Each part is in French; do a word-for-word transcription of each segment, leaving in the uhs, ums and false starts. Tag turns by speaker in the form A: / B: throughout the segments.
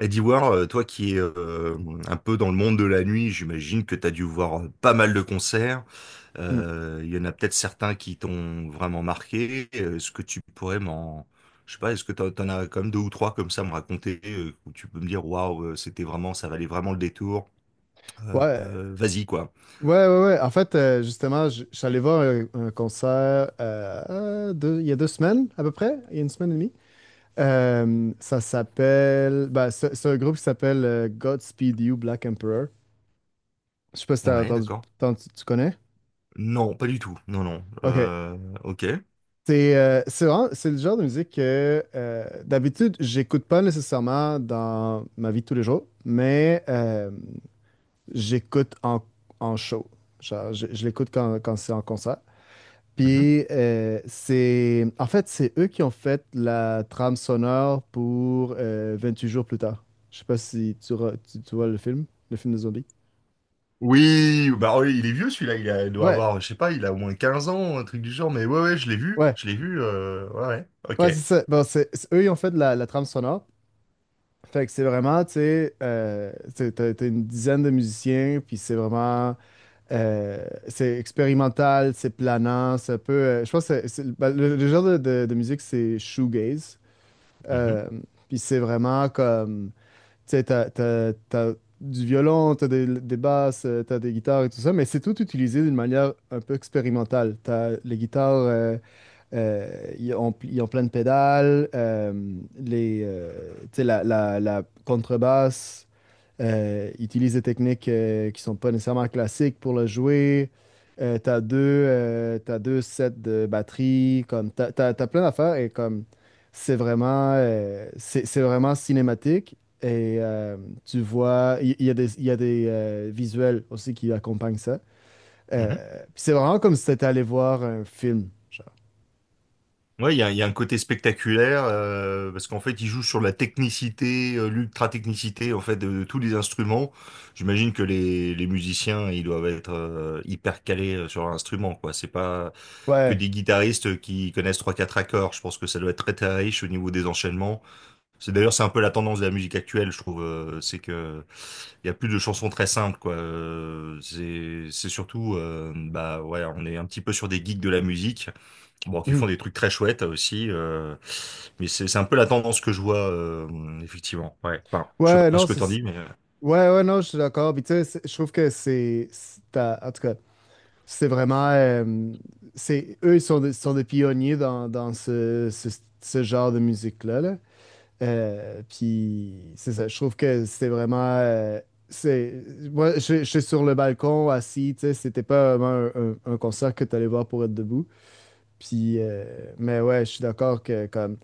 A: Eddie War, euh, toi qui es, euh, un peu dans le monde de la nuit. J'imagine que tu as dû voir euh, pas mal de concerts.
B: Hmm.
A: Euh, Il y en a peut-être certains qui t'ont vraiment marqué. Est-ce que tu pourrais m'en... Je sais pas, est-ce que t'en, t'en as quand même deux ou trois comme ça à me raconter, euh, où tu peux me dire, waouh, euh, c'était vraiment, ça valait vraiment le détour. Euh,
B: Ouais.
A: euh, vas-y, quoi.
B: Ouais, ouais, ouais. En fait, euh, justement, je je suis allé voir un, un concert euh, euh, deux- il y a deux semaines, à peu près, il y a une semaine et demie. Euh, ça s'appelle. Bah c'est c'est un groupe qui s'appelle euh, Godspeed You Black Emperor. Je sais pas si t'as
A: Ouais,
B: entendu,
A: d'accord.
B: t'en- tu, tu connais?
A: Non, pas du tout. Non, non.
B: Ok.
A: Euh, ok.
B: C'est euh, c'est vraiment- c'est le genre de musique que euh, d'habitude, j'écoute pas nécessairement dans ma vie de tous les jours, mais euh, j'écoute en, en show. Genre, je, je l'écoute quand, quand c'est en concert. Puis euh, c'est en fait c'est eux qui ont fait la trame sonore pour euh, vingt-huit jours plus tard. Je sais pas si tu, re- tu, tu vois le film, le film de zombies.
A: Oui, bah oui, il est vieux celui-là, il a- il doit
B: Ouais,
A: avoir, je sais pas, il a au moins quinze ans, un truc du genre, mais ouais, ouais, je l'ai vu,
B: ouais,
A: je l'ai vu, euh, ouais, ouais, ok.
B: ouais, c'est ça. Bon, c'est, c'est- eux ils ont fait de la, la trame sonore. Fait que c'est vraiment, tu sais, euh, t'sais, t'as, t'as une dizaine de musiciens, puis c'est vraiment, euh, c'est expérimental, c'est planant, c'est un peu, euh, je pense que c'est, c'est- ben, le, le genre de, de- de musique, c'est shoegaze.
A: Mhm.
B: Euh, Puis c'est vraiment comme, tu sais, t'as, t'as- t'as du violon, t'as des, des basses, euh, t'as des guitares et tout ça, mais c'est tout utilisé d'une manière un peu expérimentale. T'as les guitares, euh, euh, ils, ont, ils ont plein de pédales, euh, les, euh, tu sais, la, la- la contrebasse euh, utilise des techniques euh, qui sont pas nécessairement classiques pour le jouer. Euh, t'as deux, euh, t'as deux sets de batterie, comme t'as, t'as- t'as plein d'affaires et comme c'est vraiment, euh, c'est, c'est vraiment cinématique et euh, tu vois, il il y, a des, il y a des euh, visuels aussi qui accompagnent ça. Euh,
A: Mhm.
B: Puis c'est vraiment comme si t'étais allé voir un film, genre.
A: Ouais, il y a, il y a un côté spectaculaire, euh, parce qu'en fait, il joue sur la technicité, euh, l'ultra-technicité, en fait, de, de tous les instruments. J'imagine que les, les musiciens, ils doivent être euh, hyper calés euh, sur l'instrument, quoi. C'est pas que
B: Ouais.
A: des guitaristes qui connaissent trois quatre accords. Je pense que ça doit être très, très riche au niveau des enchaînements. C'est d'ailleurs c'est un peu la tendance de la musique actuelle, je trouve. euh, c'est que il y a plus de chansons très simples, quoi. Euh, c'est c'est surtout, euh, bah ouais, on est un petit peu sur des geeks de la musique, bon, qui font
B: Mhm.
A: des trucs très chouettes aussi, euh, mais c'est c'est un peu la tendance que je vois, euh, effectivement. Ouais. Enfin, je sais
B: Ouais,
A: pas ce
B: non,
A: que
B: c'est...
A: t'en dis, mais
B: Ouais, ouais, non, je suis d'accord. Puis tu sais, c'est- je trouve que c'est... c'est à- en tout cas, c'est vraiment... euh, c'est... eux, ils sont des, sont des pionniers dans, dans ce, ce, ce genre de musique-là, là. Euh, puis c'est ça, je trouve que c'est vraiment... euh, c'est... moi, je, je suis sur le balcon, assis, tu sais, c'était pas vraiment un, un- un concert que tu allais voir pour être debout. Puis... euh, mais ouais, je suis d'accord que comme...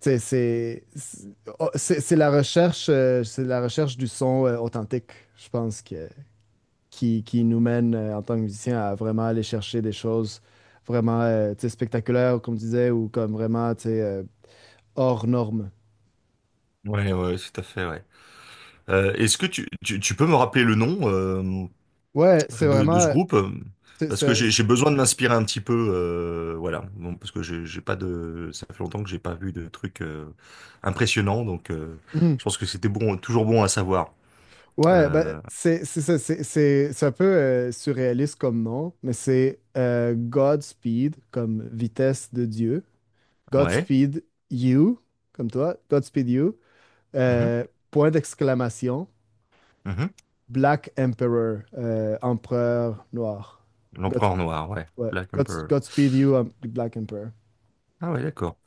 B: C'est c'est- c'est- oh, c'est- c'est la recherche, euh, c'est la recherche du son euh, authentique, je pense, que, qui, qui nous mène euh, en tant que musicien à vraiment aller chercher des choses vraiment euh, tu sais, spectaculaires, comme tu disais, ou comme vraiment tu sais, euh, hors norme.
A: ouais, ouais, tout à fait, ouais. Euh, est-ce que tu, tu tu peux me rappeler le nom? Euh,
B: Ouais, c'est
A: de, de ce
B: vraiment.
A: groupe, euh,
B: c'est-
A: parce que
B: c'est-
A: j'ai j'ai
B: c'est-
A: besoin de m'inspirer un petit peu, euh, voilà. Bon, parce que j'ai j'ai pas de... Ça fait longtemps que j'ai pas vu de trucs, euh, impressionnants, donc, euh,
B: hmm.
A: je pense que c'était bon, toujours bon à savoir.
B: Ouais, ben,
A: euh,
B: c'est c'est ça, c'est- c'est- c'est un peu euh, surréaliste comme nom, mais c'est euh, Godspeed, comme vitesse de Dieu.
A: ouais.
B: Godspeed You, comme toi. Godspeed You.
A: Mhm.
B: Euh, Point d'exclamation,
A: Mhm.
B: Black Emperor, euh, empereur noir. Gods-
A: L'Empereur Noir, ouais,
B: ouais.
A: Black
B: Gods-
A: Emperor.
B: Godspeed you, um, Black Emperor.
A: Ah ouais, d'accord.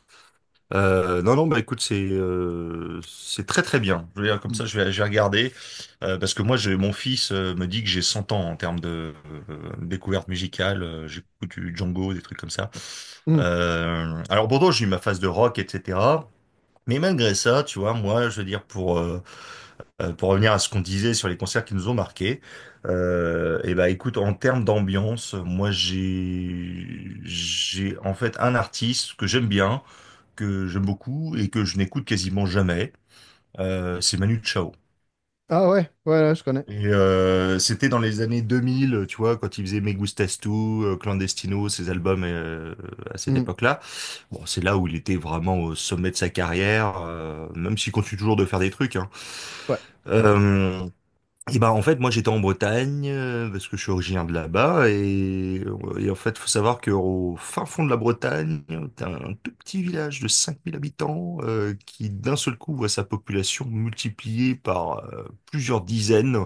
A: Euh, non, non, bah écoute, c'est euh, c'est très très bien. Je veux dire, comme
B: Mm.
A: ça, je vais, je vais regarder, euh, parce que moi, je, mon fils euh, me dit que j'ai cent ans en termes de, euh, découverte musicale. Euh, J'écoute du Django, des trucs comme ça.
B: Mm.
A: Euh, alors Bordeaux, j'ai eu ma phase de rock, et cetera. Mais malgré ça, tu vois, moi, je veux dire, pour euh, euh, pour revenir à ce qu'on disait sur les concerts qui nous ont marqués, euh, et bah écoute, en termes d'ambiance, moi, j'ai j'ai en fait un artiste que j'aime bien, que j'aime beaucoup, et que je n'écoute quasiment jamais, euh, c'est Manu Chao.
B: Ah ouais, ouais, ouais, je connais.
A: Et, euh, c'était dans les années deux mille, tu vois, quand il faisait Me Gustas Tu, euh, Clandestino, ses albums euh, à cette
B: Mm.
A: époque-là. Bon, c'est là où il était vraiment au sommet de sa carrière, euh, même s'il continue toujours de faire des trucs, hein.
B: Ouais.
A: Euh, Et ben en fait, moi j'étais en Bretagne, euh, parce que je suis originaire de là-bas. Et, euh, et en fait, faut savoir qu'au fin fond de la Bretagne t'as un tout petit village de cinq mille habitants, euh, qui d'un seul coup voit sa population multipliée par, euh, plusieurs dizaines.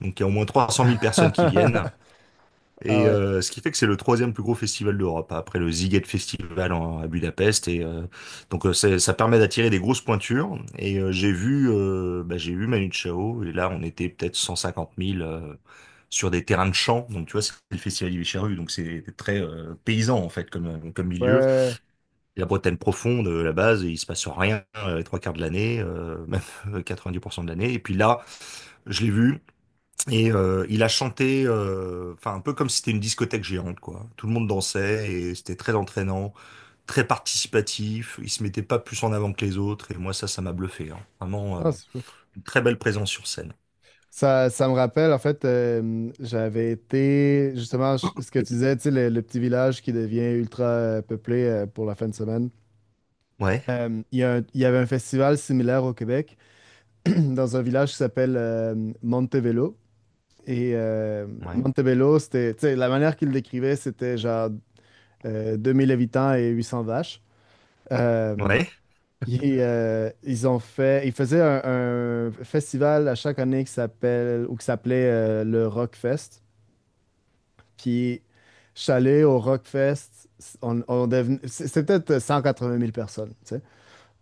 A: Donc il y a au moins trois cent mille personnes qui viennent,
B: Ah
A: et,
B: ouais,
A: euh, ce qui fait que c'est le troisième plus gros festival d'Europe, hein, après le Sziget Festival en- à Budapest. Et, euh, donc euh, c'est- ça permet d'attirer des grosses pointures. Et, euh, j'ai vu, euh, bah, j'ai vu Manu Chao. Et là, on était peut-être cent cinquante mille, euh, sur des terrains de champs. Donc tu vois, c'est le festival du Charru, donc c'est très euh, paysan en fait, comme comme milieu.
B: ouais.
A: La Bretagne profonde, euh, la base, il se passe rien euh, les trois quarts de l'année, euh, même quatre-vingt-dix pour cent de l'année. Et puis là, je l'ai vu. Et, euh, il a chanté, euh, enfin, un peu comme si c'était une discothèque géante, quoi. Tout le monde dansait et c'était très entraînant, très participatif. Il se mettait pas plus en avant que les autres, et moi ça, ça m'a bluffé, hein. Vraiment, euh,
B: Non, c'est fou.
A: une très belle présence sur scène.
B: Ça, ça me rappelle, en fait, euh, j'avais été, justement, je- ce que tu disais, tu sais, le, le petit village qui devient ultra euh, peuplé euh, pour la fin de semaine.
A: Ouais,
B: Euh, Il y a un- il y avait un festival similaire au Québec. Dans un village qui s'appelle euh, Montebello. Et euh,
A: ouais,
B: Montebello, c'était, tu sais, la manière qu'il le décrivait, c'était genre euh, deux mille habitants et huit cents vaches. Euh,
A: ouais.
B: Puis, euh, ils ont fait, ils faisaient un, un festival à chaque année qui s'appelle ou qui s'appelait euh, le Rockfest. Puis, je suis allé au Rockfest, on, on devenait- c'était peut-être cent quatre-vingt mille personnes, tu sais.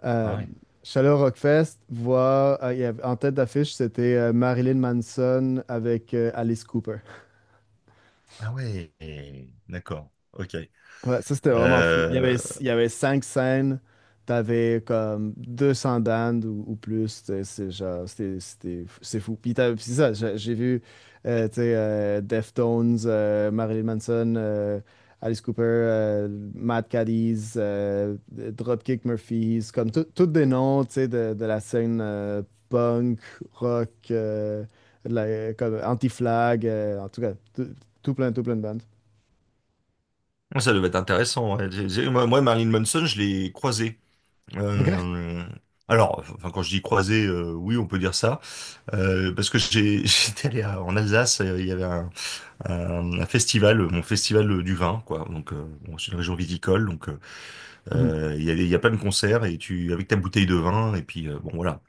B: Euh,
A: Ah ouais.
B: je suis allé Rockfest, voir, euh, il y avait- en tête d'affiche, c'était euh, Marilyn Manson avec euh, Alice Cooper.
A: Ah ouais, et- d'accord, ok.
B: Ouais, ça, c'était vraiment fou. Il y
A: Euh,
B: avait, il y avait cinq scènes, t'avais comme deux cents bandes ou, ou plus, t'sais, c'est genre, c'était, c'était, c'est fou. Puis, t'as puis c'est ça, j'ai j'ai vu, euh, t'sais, euh, Deftones, euh, Marilyn Manson, euh, Alice Cooper, euh, Mad Caddies, euh, Dropkick Murphys, comme tout- tous des noms, t'sais, de, de la scène euh, punk, rock, euh, de la- comme anti-flag, euh, en tout cas, tout tout plein, tout plein de bandes.
A: Ça devait être intéressant, ouais. J'ai- j'ai- Moi, moi, Marilyn Manson, je l'ai croisé.
B: OK.
A: Euh, alors, enfin, enfin, quand je dis croisé, euh, oui, on peut dire ça. Euh, parce que j'ai, j'étais allé à- en Alsace, euh, il y avait un, un- un festival, euh, mon festival euh, du vin, quoi. Donc, euh, bon, c'est une région viticole, donc, euh,
B: Mhm.
A: euh, il y a, des- il y a plein de concerts, et tu, avec ta bouteille de vin, et puis, euh, bon, voilà.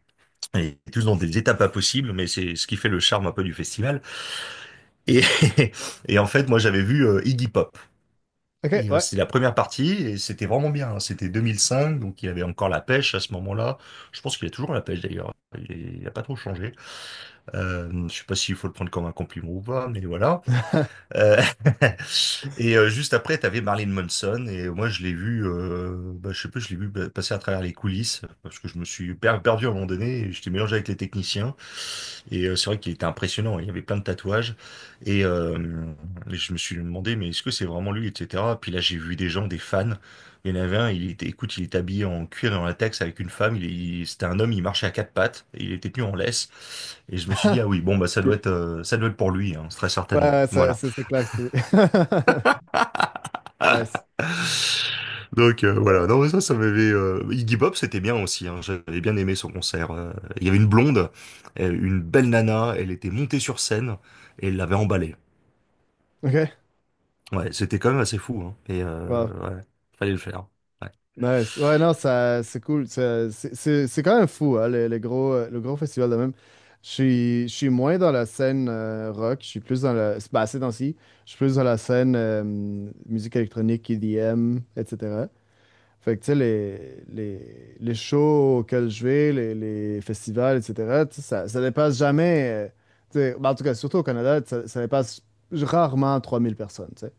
A: Et tous dans des étapes impossibles, mais c'est ce qui fait le charme un peu du festival. Et, et en fait, moi, j'avais vu euh, Iggy Pop.
B: OK,
A: Et, euh,
B: ouais.
A: c'est la première partie, et c'était vraiment bien, hein. C'était vingt cent cinq, donc il y avait encore la pêche à ce moment-là. Je pense qu'il y a toujours la pêche d'ailleurs. Il est- il a pas trop changé. Euh, je sais pas s'il faut le prendre comme un compliment ou pas, mais voilà. Euh, et, euh, juste après, tu avais Marilyn Manson. Et moi, je l'ai vu, euh, bah, je sais plus, je l'ai vu, bah, passer à travers les coulisses, parce que je me suis per- perdu à un moment donné. Et j'étais mélangé avec les techniciens. Et, euh, c'est vrai qu'il était impressionnant, hein. Il y avait plein de tatouages. Et, euh, je me suis demandé, mais est-ce que c'est vraiment lui, et cetera. Puis là, j'ai vu des gens, des fans. Il y en avait un, il était, écoute, il était habillé en cuir et en latex avec une femme. Il, il- c'était un homme, il marchait à quatre pattes. Et il était tenu en laisse. Et je me suis dit, ah oui, bon, bah, ça doit
B: Cool.
A: être, euh, ça doit être pour lui, hein, très
B: Ouais,
A: certainement.
B: ouais, ça-
A: Voilà.
B: c'est c'est clair que c'est. Nice.
A: Donc, euh, voilà.
B: Euh,
A: Non mais ça, ça m'avait... euh, Iggy Pop, c'était bien aussi, hein. J'avais bien aimé son concert. Euh, Il y avait une blonde, euh, une belle nana. Elle était montée sur scène et elle l'avait emballée.
B: OK.
A: Ouais, c'était quand même assez fou, hein. Et, euh,
B: Wow.
A: ouais, fallait le faire. Ouais.
B: Nice. Ouais, non, ça, c'est cool. Ça- C'est c'est- c'est quand même fou, hein, le, le gros, euh, le gros festival de même. Je suis, je suis moins dans la scène euh, rock, je suis plus dans la. Bah, ces temps-ci, je suis plus dans la scène euh, musique électronique, E D M, et cetera. Fait que, tu sais, les, les, les shows auxquels je vais, les, les festivals, et cetera, tu sais, ça, ça dépasse jamais, euh, tu sais, ben, en tout cas, surtout au Canada, ça, ça dépasse rarement trois mille personnes, tu sais.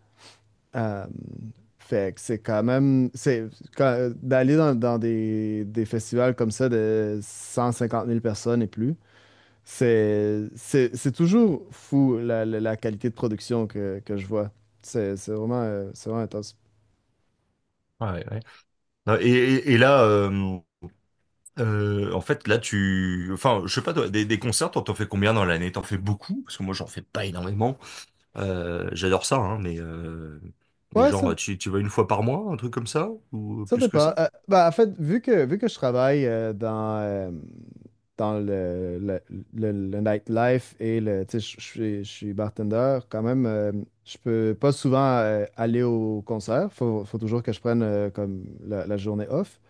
B: Euh, Fait que c'est quand même, c'est, quand- d'aller dans, dans des, des festivals comme ça de cent cinquante mille personnes et plus, c'est, c'est, c'est toujours fou la, la- la qualité de production que, que je vois. C'est, c'est vraiment, euh, c'est vraiment intense.
A: Ouais, ouais. Non. Et, et, et là, euh, euh, en fait, là, tu, enfin, je sais pas, toi, des, des concerts, toi, t'en fais combien dans l'année? T'en fais beaucoup? Parce que moi, j'en fais pas énormément. Euh, j'adore ça, hein, mais, euh, mais
B: Ouais, ça,
A: genre, tu, tu vas une fois par mois, un truc comme ça, ou
B: Ça
A: plus que
B: dépend.
A: ça?
B: Euh, ben, en fait, vu que, vu que je travaille euh, dans, euh, dans le, le, le- le nightlife et le, tu sais, je je suis je suis bartender, quand même, euh, je peux pas souvent euh, aller au concert. Faut, faut toujours que je prenne euh, comme la, la journée off.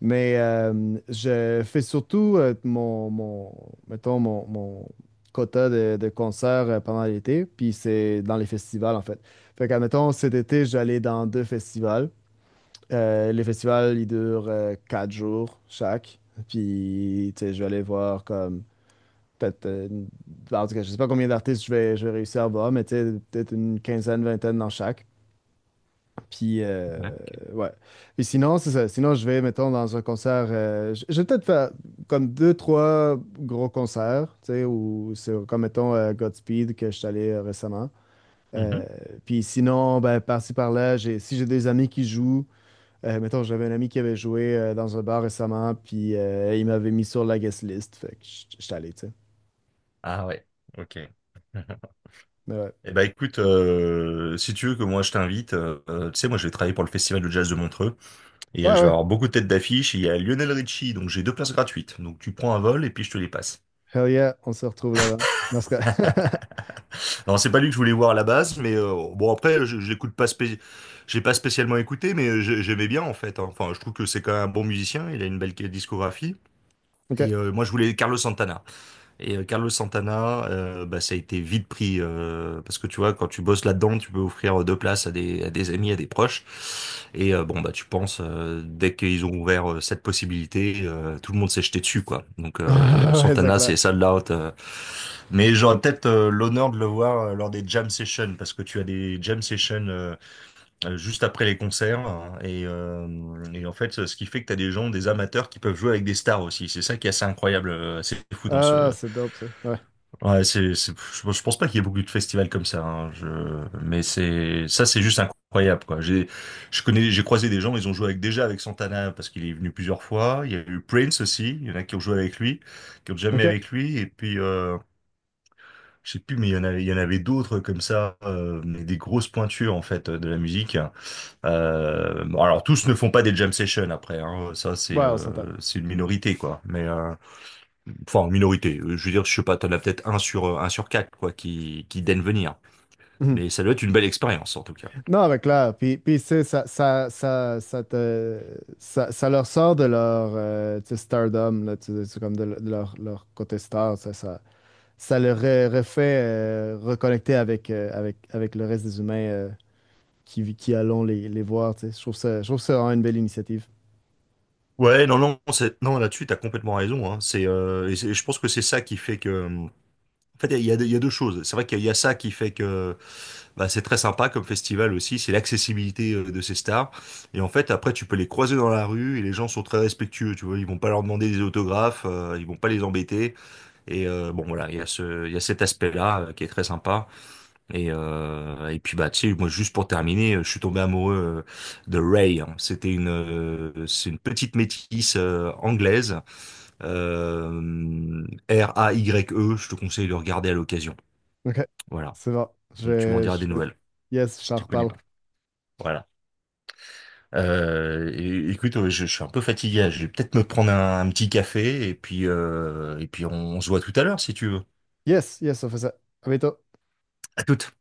B: Mais euh, je fais surtout euh, mon, mon, mettons, mon, mon quota de, de concerts euh, pendant l'été, puis c'est dans les festivals, en fait. Fait qu'admettons, cet été, j'allais dans deux festivals. Euh, les festivals, ils durent euh, quatre jours chaque. Puis, tu sais, je vais aller voir comme peut-être, euh, une- en tout cas, je sais pas combien d'artistes je vais, je vais réussir à voir, mais tu sais, peut-être une quinzaine, vingtaine dans chaque. Puis, euh, ouais. Puis sinon, c'est ça. Sinon, je vais, mettons, dans un concert, euh, je je vais peut-être faire comme deux, trois gros concerts, tu sais, ou c'est comme, mettons, euh, Godspeed que je suis allé euh, récemment. Euh,
A: Mhm.
B: Puis sinon, ben, par-ci, par-là, j'ai, si j'ai des amis qui jouent, euh, mettons, j'avais un ami qui avait joué euh, dans un bar récemment, puis euh, il m'avait mis sur la guest list. Fait que j- j'étais allé, tu sais.
A: Ah ouais, ok.
B: Mais ouais.
A: Eh ben écoute, euh, si tu veux que moi je t'invite, euh, euh, tu sais, moi je vais travailler pour le Festival de Jazz de Montreux, et,
B: Ouais,
A: euh, je vais
B: ouais.
A: avoir beaucoup de têtes d'affiche. Il y a Lionel Richie, donc j'ai deux places gratuites. Donc tu prends un vol et puis je te les passe.
B: Hell yeah, on se retrouve là-bas. Dans ce cas.
A: Non, c'est pas lui que je voulais voir à la base, mais, euh, bon après, je, je l'écoute pas, spé- j'ai pas spécialement écouté, mais, euh, j'ai- j'aimais bien en fait, hein. Enfin, je trouve que c'est quand même un bon musicien. Il a une belle discographie.
B: OK.
A: Et, euh, moi je voulais Carlos Santana. Et, euh, Carlos Santana, euh, bah, ça a été vite pris, euh, parce que tu vois, quand tu bosses là-dedans, tu peux offrir euh, deux places à des, à des amis, à des proches. Et, euh, bon, bah tu penses, euh, dès qu'ils ont ouvert euh, cette possibilité, euh, tout le monde s'est jeté dessus, quoi. Donc, euh,
B: Ah, ouais, c'est
A: Santana,
B: clair.
A: c'est sold out. euh. Mais j'aurais peut-être euh, l'honneur de le voir euh, lors des jam sessions, parce que tu as des jam sessions, euh, euh, juste après les concerts, hein, et, euh, et en fait, ce qui fait que tu as des gens, des amateurs qui peuvent jouer avec des stars aussi. C'est ça qui est assez incroyable, euh, assez fou dans ce...
B: Ah, c'est dope, ça. Ouais.
A: Ouais, c'est, c'est, je, je pense pas qu'il y ait beaucoup de festivals comme ça, hein. Je, mais c'est, ça, c'est juste incroyable, quoi. J'ai, je connais, j'ai croisé des gens, ils ont joué avec, déjà avec Santana, parce qu'il est venu plusieurs fois. Il y a eu Prince aussi. Il y en a qui ont joué avec lui, qui ont jamais
B: OK. Ouais,
A: avec lui. Et puis, euh, je sais plus, mais il y en avait, il y en avait d'autres comme ça, euh, mais des grosses pointures en fait de la musique. Euh, bon, alors tous ne font pas des jam sessions après, hein. Ça, c'est,
B: on
A: euh,
B: s'entend.
A: c'est une minorité, quoi. Mais, euh, enfin, minorité. Euh, Je veux dire, je sais pas, t'en as peut-être un sur, euh, un sur quatre, quoi, qui, qui daigne venir.
B: Mhm.
A: Mais ça doit être une belle expérience, en tout cas.
B: Non, mais clair. Puis, puis tu sais, ça, ça, ça, ça te, ça, ça leur sort de leur euh, tu sais, stardom, là, tu sais, c'est comme de, le- de leur, leur côté star. Ça, ça, ça leur re- refait euh, reconnecter avec, euh, avec, avec le reste des humains. euh, qui, qui allons les, les voir, tu sais. Je trouve ça, je trouve ça vraiment une belle initiative.
A: Ouais, non, non, c'est- non, là-dessus, t'as complètement raison, hein. C'est, euh, et c'est- je pense que c'est ça qui fait que, en fait, il y a, il y a il y a deux choses. C'est vrai qu'il y a il y a ça qui fait que, bah, c'est très sympa comme festival aussi. C'est l'accessibilité, euh, de ces stars. Et en fait, après, tu peux les croiser dans la rue et les gens sont très respectueux, tu vois, ils vont pas leur demander des autographes, euh, ils vont pas les embêter. Et, euh, bon, voilà, il y a ce, il y a cet aspect-là, euh, qui est très sympa. Et, euh, et puis, bah tu sais, moi juste pour terminer, euh, je suis tombé amoureux, euh, de Ray, hein. C'était une euh, c'est une petite métisse, euh, anglaise, euh, R A Y E. Je te conseille de regarder à l'occasion.
B: OK.
A: Voilà.
B: C'est bon.
A: Donc tu m'en
B: Je,
A: diras des
B: je...
A: nouvelles
B: Yes, je
A: si
B: t'en
A: tu connais
B: reparle.
A: pas. Voilà. Euh, é- écoute, euh, je, je suis un peu fatigué. Je vais peut-être me prendre un, un petit café, et puis, euh, et puis on, on se voit tout à l'heure si tu veux.
B: Yes, yes, on fait ça. À bientôt.
A: À toute.